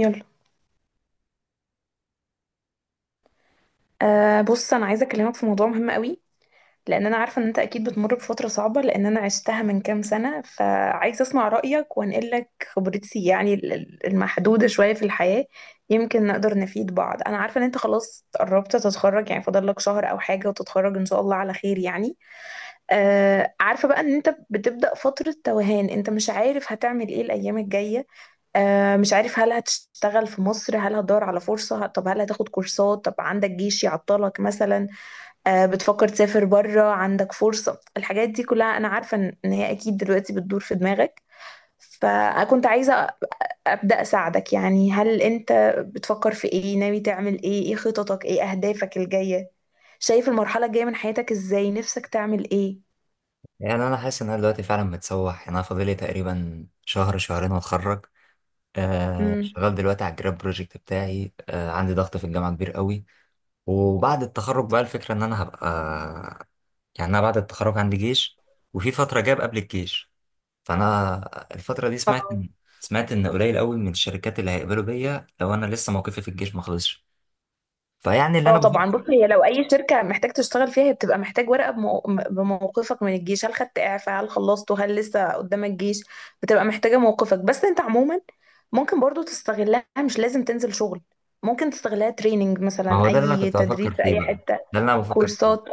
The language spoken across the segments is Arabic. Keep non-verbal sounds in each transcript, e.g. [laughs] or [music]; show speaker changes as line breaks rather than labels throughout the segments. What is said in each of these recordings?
يلا. بص انا عايزه اكلمك في موضوع مهم قوي، لان انا عارفه ان انت اكيد بتمر بفتره صعبه، لان انا عشتها من كام سنه، فعايزه اسمع رايك وانقل لك خبرتي، يعني المحدوده شويه في الحياه. يمكن نقدر نفيد بعض. انا عارفه ان انت خلاص قربت تتخرج، يعني فاضل لك شهر او حاجه وتتخرج ان شاء الله على خير يعني. آه عارفة بقى ان انت بتبدأ فترة توهان، انت مش عارف هتعمل ايه الايام الجاية. آه مش عارف هل هتشتغل في مصر، هل هتدور على فرصة، طب هل هتاخد كورسات، طب عندك جيش يعطلك مثلا. آه بتفكر تسافر بره، عندك فرصة، الحاجات دي كلها انا عارفة ان إن هي اكيد دلوقتي بتدور في دماغك. فكنت عايزة أبدأ أساعدك. يعني هل أنت بتفكر في إيه؟ ناوي تعمل إيه؟ إيه خططك؟ إيه أهدافك الجاية؟ شايف المرحلة الجاية من حياتك إزاي؟ نفسك تعمل إيه؟
يعني انا حاسس ان انا دلوقتي فعلا متسوح. يعني انا فاضلي تقريبا شهر شهرين واتخرج.
امم
شغال دلوقتي على الجراب بروجكت بتاعي. عندي ضغط في الجامعه كبير قوي. وبعد التخرج بقى الفكره ان انا هبقى، يعني انا بعد التخرج عندي جيش، وفي فتره جاب قبل الجيش. فانا الفتره دي
اه.
سمعت ان قليل قوي من الشركات اللي هيقبلوا بيا لو انا لسه موقفي في الجيش ما خلصش. فيعني اللي
اه
انا
طبعا،
بفكر،
بص هي لو اي شركه محتاج تشتغل فيها، هي بتبقى محتاج ورقه بموقفك من الجيش. هل خدت اعفاء؟ هل خلصته؟ هل لسه قدامك جيش؟ بتبقى محتاجه موقفك. بس انت عموما ممكن برضو تستغلها، مش لازم تنزل شغل. ممكن تستغلها تريننج
ما هو
مثلا،
ده اللي انا
اي
كنت
تدريب
بفكر
في
فيه
اي
بقى،
حته.
ده اللي انا بفكر فيه،
كورسات.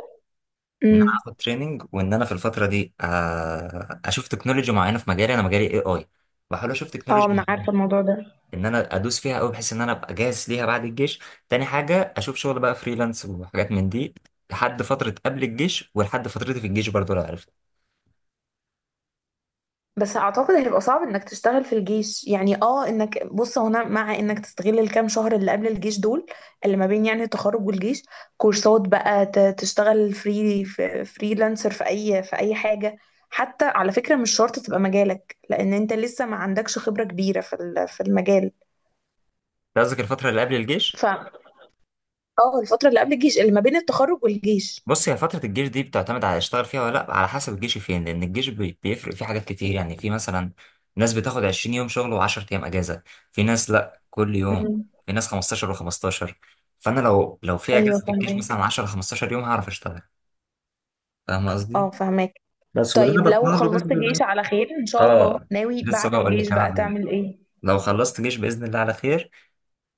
ان انا
امم
اخد تريننج، وان انا في الفتره دي اشوف تكنولوجي معينه في مجالي. انا مجالي اي. بحاول اشوف
اه
تكنولوجي
انا
معينه
عارفه الموضوع ده.
ان انا ادوس فيها قوي بحيث ان انا ابقى جاهز ليها بعد الجيش. تاني حاجه اشوف شغل بقى فريلانس وحاجات من دي لحد فتره قبل الجيش، ولحد فترتي في الجيش برضو لو عرفت.
بس اعتقد هيبقى صعب انك تشتغل في الجيش. يعني اه انك بص هنا، مع انك تستغل الكام شهر اللي قبل الجيش دول، اللي ما بين يعني التخرج والجيش. كورسات بقى، تشتغل فريلانسر في اي في اي حاجة، حتى على فكرة مش شرط تبقى مجالك، لان انت لسه ما عندكش خبرة كبيرة في في المجال.
أنت قصدك الفتره اللي قبل
ف
الجيش؟
اه، الفترة اللي قبل الجيش، اللي ما بين التخرج والجيش.
بص، هي فترة الجيش دي بتعتمد على اشتغل فيها ولا لأ، على حسب الجيش فين، لأن الجيش بيفرق فيه حاجات كتير. يعني في مثلا ناس بتاخد 20 يوم شغل و10 أيام أجازة، في ناس لأ كل يوم،
مم.
في ناس 15 و15. فأنا لو في
ايوه
أجازة في الجيش مثلا
فهمك.
10 15 يوم هعرف أشتغل. فاهم قصدي؟
اه فهمك.
بس واللي أنا
طيب لو
بطمع له
خلصت جيش على خير ان شاء الله،
آه،
ناوي
لسه
بعد
بقول
الجيش
لك. أنا
بقى
لو
تعمل ايه؟
خلصت جيش بإذن الله على خير،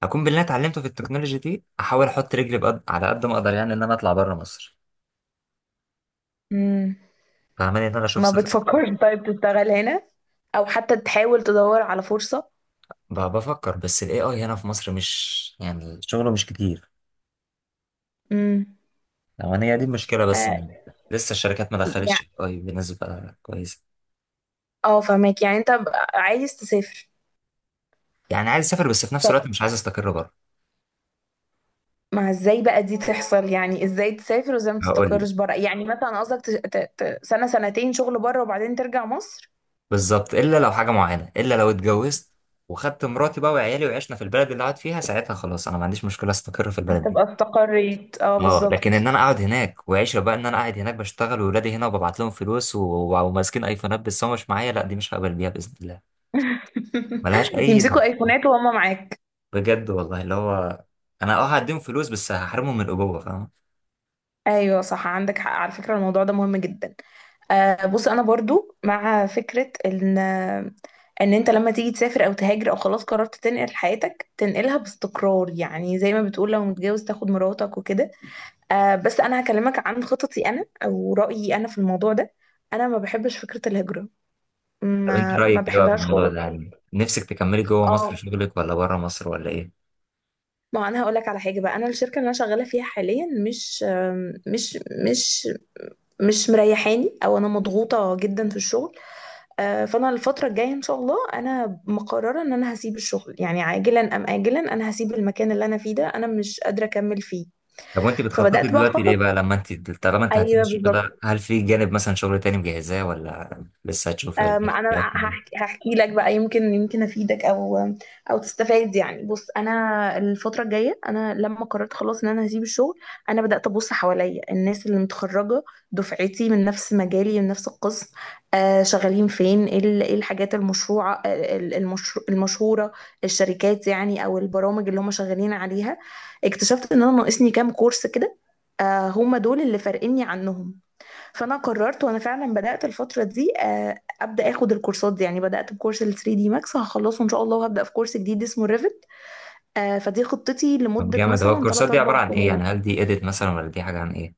هكون باللي أنا اتعلمته في التكنولوجي دي أحاول أحط رجلي على قد ما أقدر، يعني إن أنا أطلع بره مصر.
مم.
فاهماني إن أنا أشوف
ما
سفر.
بتفكرش طيب تشتغل هنا؟ او حتى تحاول تدور على فرصة؟
بفكر، بس ال AI هنا في مصر مش يعني شغله مش كتير
امم.
لو أنا. هي دي المشكلة بس،
آه.
إن لسه الشركات ما دخلتش ال
يعني
AI بنسبة كويسة.
اه فهمك، يعني انت عايز تسافر.
يعني عايز أسافر بس في نفس
طيب
الوقت مش عايز أستقر بره.
ما ازاي بقى دي تحصل؟ يعني ازاي تسافر وازاي ما
هقول لك،
تستقرش بره؟ يعني مثلا قصدك سنة سنتين شغل بره وبعدين ترجع مصر؟
بالظبط، إلا لو حاجة معينة، إلا لو اتجوزت وخدت مراتي بقى وعيالي وعشنا في البلد اللي قاعد فيها، ساعتها خلاص أنا ما عنديش مشكلة أستقر في البلد دي.
هتبقى استقريت، اه
اه، لكن ان
بالظبط.
انا اقعد هناك وعيشه بقى ان انا قاعد هناك بشتغل واولادي هنا وببعت لهم فلوس، وماسكين ايفونات بس هو مش معايا، لا دي مش هقبل بيها باذن الله. ملهاش
[laughs]
اي.
يمسكوا ايفونات وهم معاك.
بجد والله، اللي هو انا اه هديهم فلوس بس هحرمهم من الابوه، فاهم؟
ايوه صح، عندك حق على فكرة، الموضوع ده مهم جدا. آه، بص انا برضو مع فكرة ان ان انت لما تيجي تسافر او تهاجر او خلاص قررت تنقل حياتك، تنقلها باستقرار، يعني زي ما بتقول لو متجوز تاخد مراتك وكده. آه بس انا هكلمك عن خططي انا او رأيي انا في الموضوع ده. انا ما بحبش فكرة الهجرة،
طب انت
ما
رايك ايه بقى في
بحبهاش
الموضوع
خالص.
ده؟ يعني نفسك تكملي جوه مصر
اه،
شغلك ولا بره مصر ولا ايه؟
ما انا هقول لك على حاجة بقى. انا الشركة اللي انا شغالة فيها حاليا مش مش مش مش مريحاني، او انا مضغوطة جدا في الشغل. آه، فانا الفتره الجايه ان شاء الله انا مقرره ان انا هسيب الشغل، يعني عاجلا ام اجلا انا هسيب المكان اللي انا فيه ده، انا مش قادره اكمل فيه.
طب وانت بتخططي
فبدات بقى
دلوقتي
اخطط.
ليه بقى، لما انت، طالما انت هتسيبي
ايوه
الشغل ده،
بالظبط.
هل في جانب مثلا شغل تاني مجهزاه ولا لسه هتشوفي ولا ايه،
انا
إيه اكتر؟
هحكي لك بقى، يمكن افيدك او او تستفاد. يعني بص انا الفتره الجايه، انا لما قررت خلاص ان انا هسيب الشغل، انا بدات ابص حواليا الناس اللي متخرجه دفعتي من نفس مجالي من نفس القسم، آه شغالين فين، ايه إيه الحاجات المشروعه، آه، المشهوره، الشركات يعني او البرامج اللي هم شغالين عليها. اكتشفت ان انا ناقصني كام كورس كده، آه هم دول اللي فارقيني عنهم. فانا قررت وانا فعلا بدات الفتره دي، آه، ابدا اخد الكورسات دي. يعني بدات بكورس ال 3 دي ماكس، هخلصه ان شاء الله، وهبدا في كورس جديد اسمه ريفت. فدي خطتي
طب
لمده
جامد. هو
مثلا
الكورسات
3
دي عباره
4
عن ايه
شهور.
يعني؟ هل دي اديت مثلا ولا دي حاجه عن ايه؟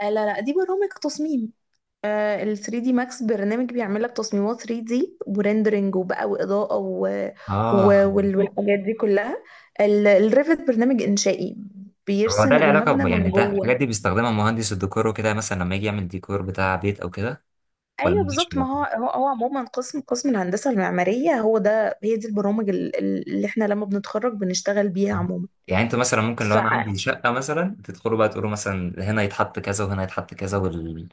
آه، لا لا، دي برامج تصميم. آه، ال 3 دي ماكس برنامج بيعمل لك تصميمات 3 دي وريندرنج وبقى واضاءه
اه،
والحاجات دي كلها. الريفت برنامج انشائي،
هو ده
بيرسم
له علاقه
المبنى
يعني
من
ده الحاجات
جوه.
دي بيستخدمها مهندس الديكور وكده، مثلا لما يجي يعمل ديكور بتاع بيت او كده، ولا
ايوه
ملهاش؟
بالظبط. ما هو هو عموما قسم الهندسه المعماريه هو ده، هي دي البرامج اللي احنا لما بنتخرج بنشتغل بيها
آه.
عموما.
يعني انت مثلا ممكن
ف
لو انا عندي شقه مثلا تدخلوا بقى تقولوا مثلا هنا يتحط كذا وهنا يتحط كذا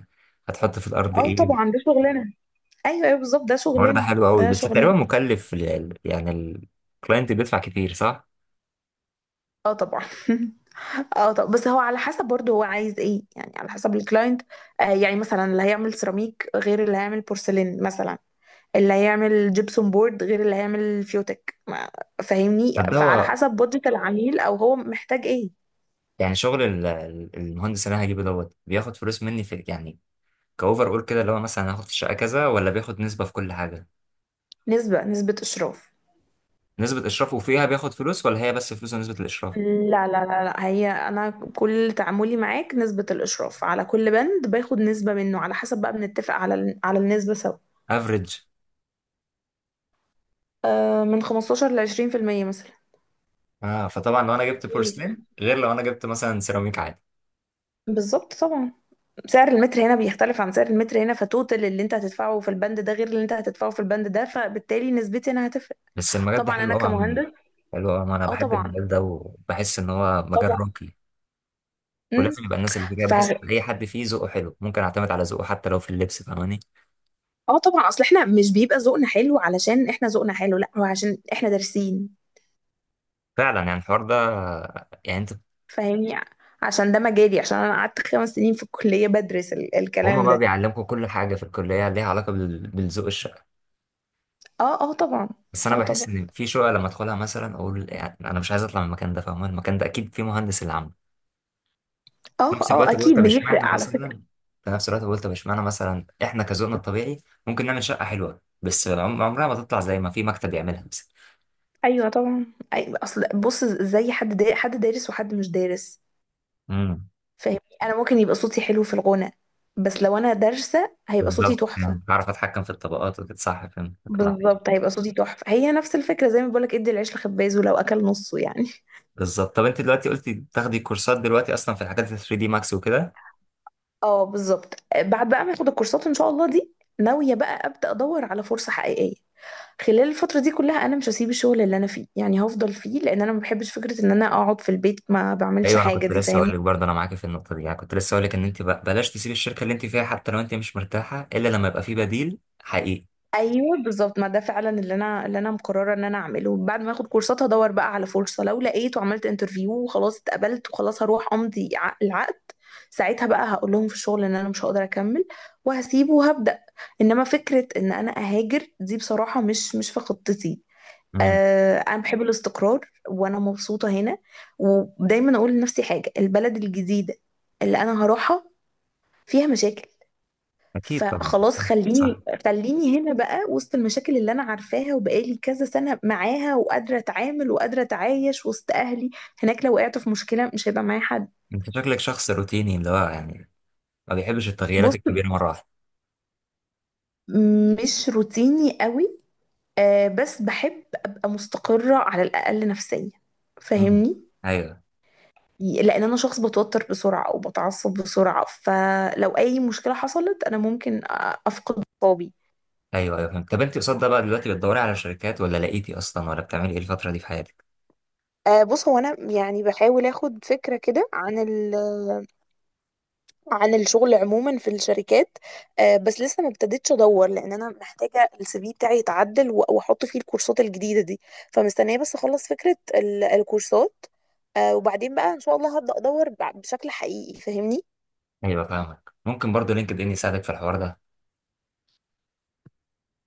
هتحط في الارض
اه
ايه؟
طبعا، ده شغلنا. ايوه ايوه بالظبط، ده
الموضوع ده
شغلنا،
حلو قوي،
ده
بس
شغلنا.
تقريبا مكلف، يعني الكلاينت بيدفع كتير، صح؟
اه طبعا. [laughs] اه، طب بس هو على حسب برضه هو عايز ايه، يعني على حسب الكلاينت. آه يعني مثلا اللي هيعمل سيراميك غير اللي هيعمل بورسلين مثلا، اللي هيعمل جبسون بورد غير اللي هيعمل فيوتك ما- فاهمني.
طب ده
فعلى
هو،
حسب بودجت العميل او هو محتاج ايه.
يعني شغل المهندس اللي انا هجيبه دوت بياخد فلوس مني في يعني كاوفر اول كده، اللي هو مثلا هاخد في الشقه كذا، ولا بياخد نسبه في كل حاجه؟
نسبة اشراف.
نسبه اشرافه فيها بياخد فلوس، ولا هي بس فلوس ونسبه الاشراف؟
لا لا لا لا، هي انا كل تعاملي معاك نسبة الاشراف على كل بند، باخد نسبة منه على حسب بقى، بنتفق على على النسبة سوا.
افريج.
آه من 15 ل 20% مثلا.
اه، فطبعا لو انا جبت
كتير،
بورسلين غير لو انا جبت مثلا سيراميك عادي.
بالظبط طبعا. سعر المتر هنا بيختلف عن سعر المتر هنا، فتوتال اللي انت هتدفعه في البند ده غير اللي انت هتدفعه في البند ده، فبالتالي نسبتي انا هتفرق.
بس المجال ده
طبعا
حلو
انا
قوي عموما.
كمهندس.
حلو قوي عموما، انا
اه
بحب
طبعا.
المجال ده وبحس ان هو مجال
طبعا.
راقي.
امم.
ولازم يبقى الناس اللي فيه كده،
ف
بحس ان اي حد فيه ذوقه حلو ممكن اعتمد على ذوقه حتى لو في اللبس، فاهماني؟
اه طبعا، اصل احنا مش بيبقى ذوقنا حلو علشان احنا ذوقنا حلو، لا هو عشان احنا دارسين،
فعلا، يعني الحوار ده، يعني انت،
فاهمني. عشان ده مجالي، عشان انا قعدت 5 سنين في الكلية بدرس ال
هما
الكلام
بقى
ده.
بيعلمكم كل حاجه في الكليه ليها علاقه بالذوق الشقه؟
اه اه طبعا.
بس انا
اه
بحس
طبعا.
ان في شقه لما ادخلها مثلا اقول يعني انا مش عايز اطلع من المكان ده، فاهمان المكان ده اكيد فيه مهندس اللي عامله. في
اه
نفس
اه
الوقت بقول
اكيد
طب
بيفرق
اشمعنى
على فكرة.
مثلا في نفس الوقت بقول طب اشمعنى مثلا احنا كذوقنا الطبيعي ممكن نعمل شقه حلوه، بس عمرها ما تطلع زي ما في مكتب يعملها مثلا.
ايوه طبعا. أي، اصل بص زي حد دا، حد دارس وحد مش دارس،
امم.
فاهمني. انا ممكن يبقى صوتي حلو في الغنى، بس لو انا دارسة هيبقى صوتي
بالظبط،
تحفة.
يعني بعرف اتحكم في الطبقات وكده، صح، فهمت، اقنعتني.
بالظبط، هيبقى صوتي تحفة. هي نفس الفكرة زي ما بقولك ادي العيش لخبازه لو اكل نصه يعني.
بالظبط. طب انت دلوقتي قلتي بتاخدي كورسات دلوقتي اصلا في الحاجات ال 3 دي ماكس وكده؟
اه بالظبط. بعد بقى ما اخد الكورسات ان شاء الله دي، ناوية بقى ابدأ ادور على فرصة حقيقية. خلال الفترة دي كلها انا مش هسيب الشغل اللي انا فيه، يعني هفضل فيه، لان انا ما بحبش فكرة ان انا اقعد في البيت ما بعملش
ايوه، انا
حاجة
كنت
دي،
لسه
فاهمني.
هقول لك برضه انا معاكي في النقطه دي، يعني كنت لسه هقول لك ان انت بلاش تسيبي الشركه اللي انت فيها حتى لو انت مش مرتاحه، الا لما يبقى في بديل حقيقي.
ايوه بالظبط، ما ده فعلا اللي انا مقرره ان انا اعمله. بعد ما اخد كورسات هدور بقى على فرصه، لو لقيت وعملت انترفيو وخلاص اتقبلت، وخلاص هروح امضي العقد. ساعتها بقى هقول لهم في الشغل ان انا مش هقدر اكمل، وهسيبه وهبدا. انما فكره ان انا اهاجر دي بصراحه مش في خطتي.
امم.
آه انا بحب الاستقرار وانا مبسوطه هنا. ودايما اقول لنفسي حاجه، البلد الجديده اللي انا هروحها فيها مشاكل.
اكيد طبعا.
فخلاص
صح.
خليني خليني هنا بقى، وسط المشاكل اللي انا عارفاها وبقالي كذا سنة معاها وقادرة اتعامل وقادرة اتعايش وسط اهلي. هناك لو وقعت في مشكلة مش هيبقى معايا حد.
انت شكلك شخص روتيني، اللي هو يعني ما بيحبش التغييرات
بص
الكبيره مره واحده.
مش روتيني قوي. آه بس بحب ابقى مستقرة على الاقل نفسيا،
مم.
فاهمني.
ايوه
لان انا شخص بتوتر بسرعة او بتعصب بسرعة، فلو اي مشكلة حصلت انا ممكن افقد اعصابي.
ايوه ايوه فهمت. طب انت قصاد ده بقى دلوقتي بتدوري على شركات ولا لقيتي اصلا ولا بتعملي ايه الفتره دي في حياتك؟
آه، بص هو انا يعني بحاول اخد فكره كده عن عن الشغل عموما في الشركات. آه، بس لسه ما ابتديتش ادور، لان انا محتاجه السي في بتاعي يتعدل واحط فيه الكورسات الجديده دي. فمستنيه بس اخلص فكره الكورسات. آه، وبعدين بقى ان شاء الله هبدا ادور بشكل حقيقي، فاهمني.
ايوه، فاهمك. ممكن برضه لينكد ان يساعدك في الحوار ده.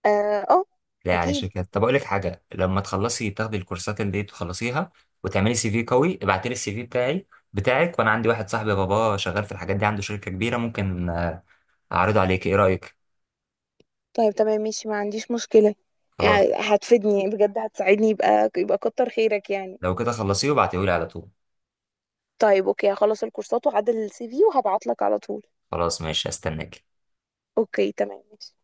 اه. آه.
لا، يعني
اكيد.
شركات، طب اقول لك حاجه. لما تخلصي تاخدي الكورسات اللي دي تخلصيها، وتعملي سي في قوي، ابعتي لي السي في بتاعك، وانا عندي واحد صاحبي باباه شغال في الحاجات دي عنده شركه كبيره، ممكن اعرضه عليك، ايه رايك؟
طيب تمام ماشي، ما عنديش مشكله.
خلاص.
يعني هتفيدني يعني بجد، هتساعدني، يبقى كتر خيرك يعني.
لو كده خلصيه وابعتيه لي على طول.
طيب اوكي، هخلص الكورسات واعدل السي في وهبعت لك على طول.
خلاص ماشي، استناك.
اوكي تمام ماشي.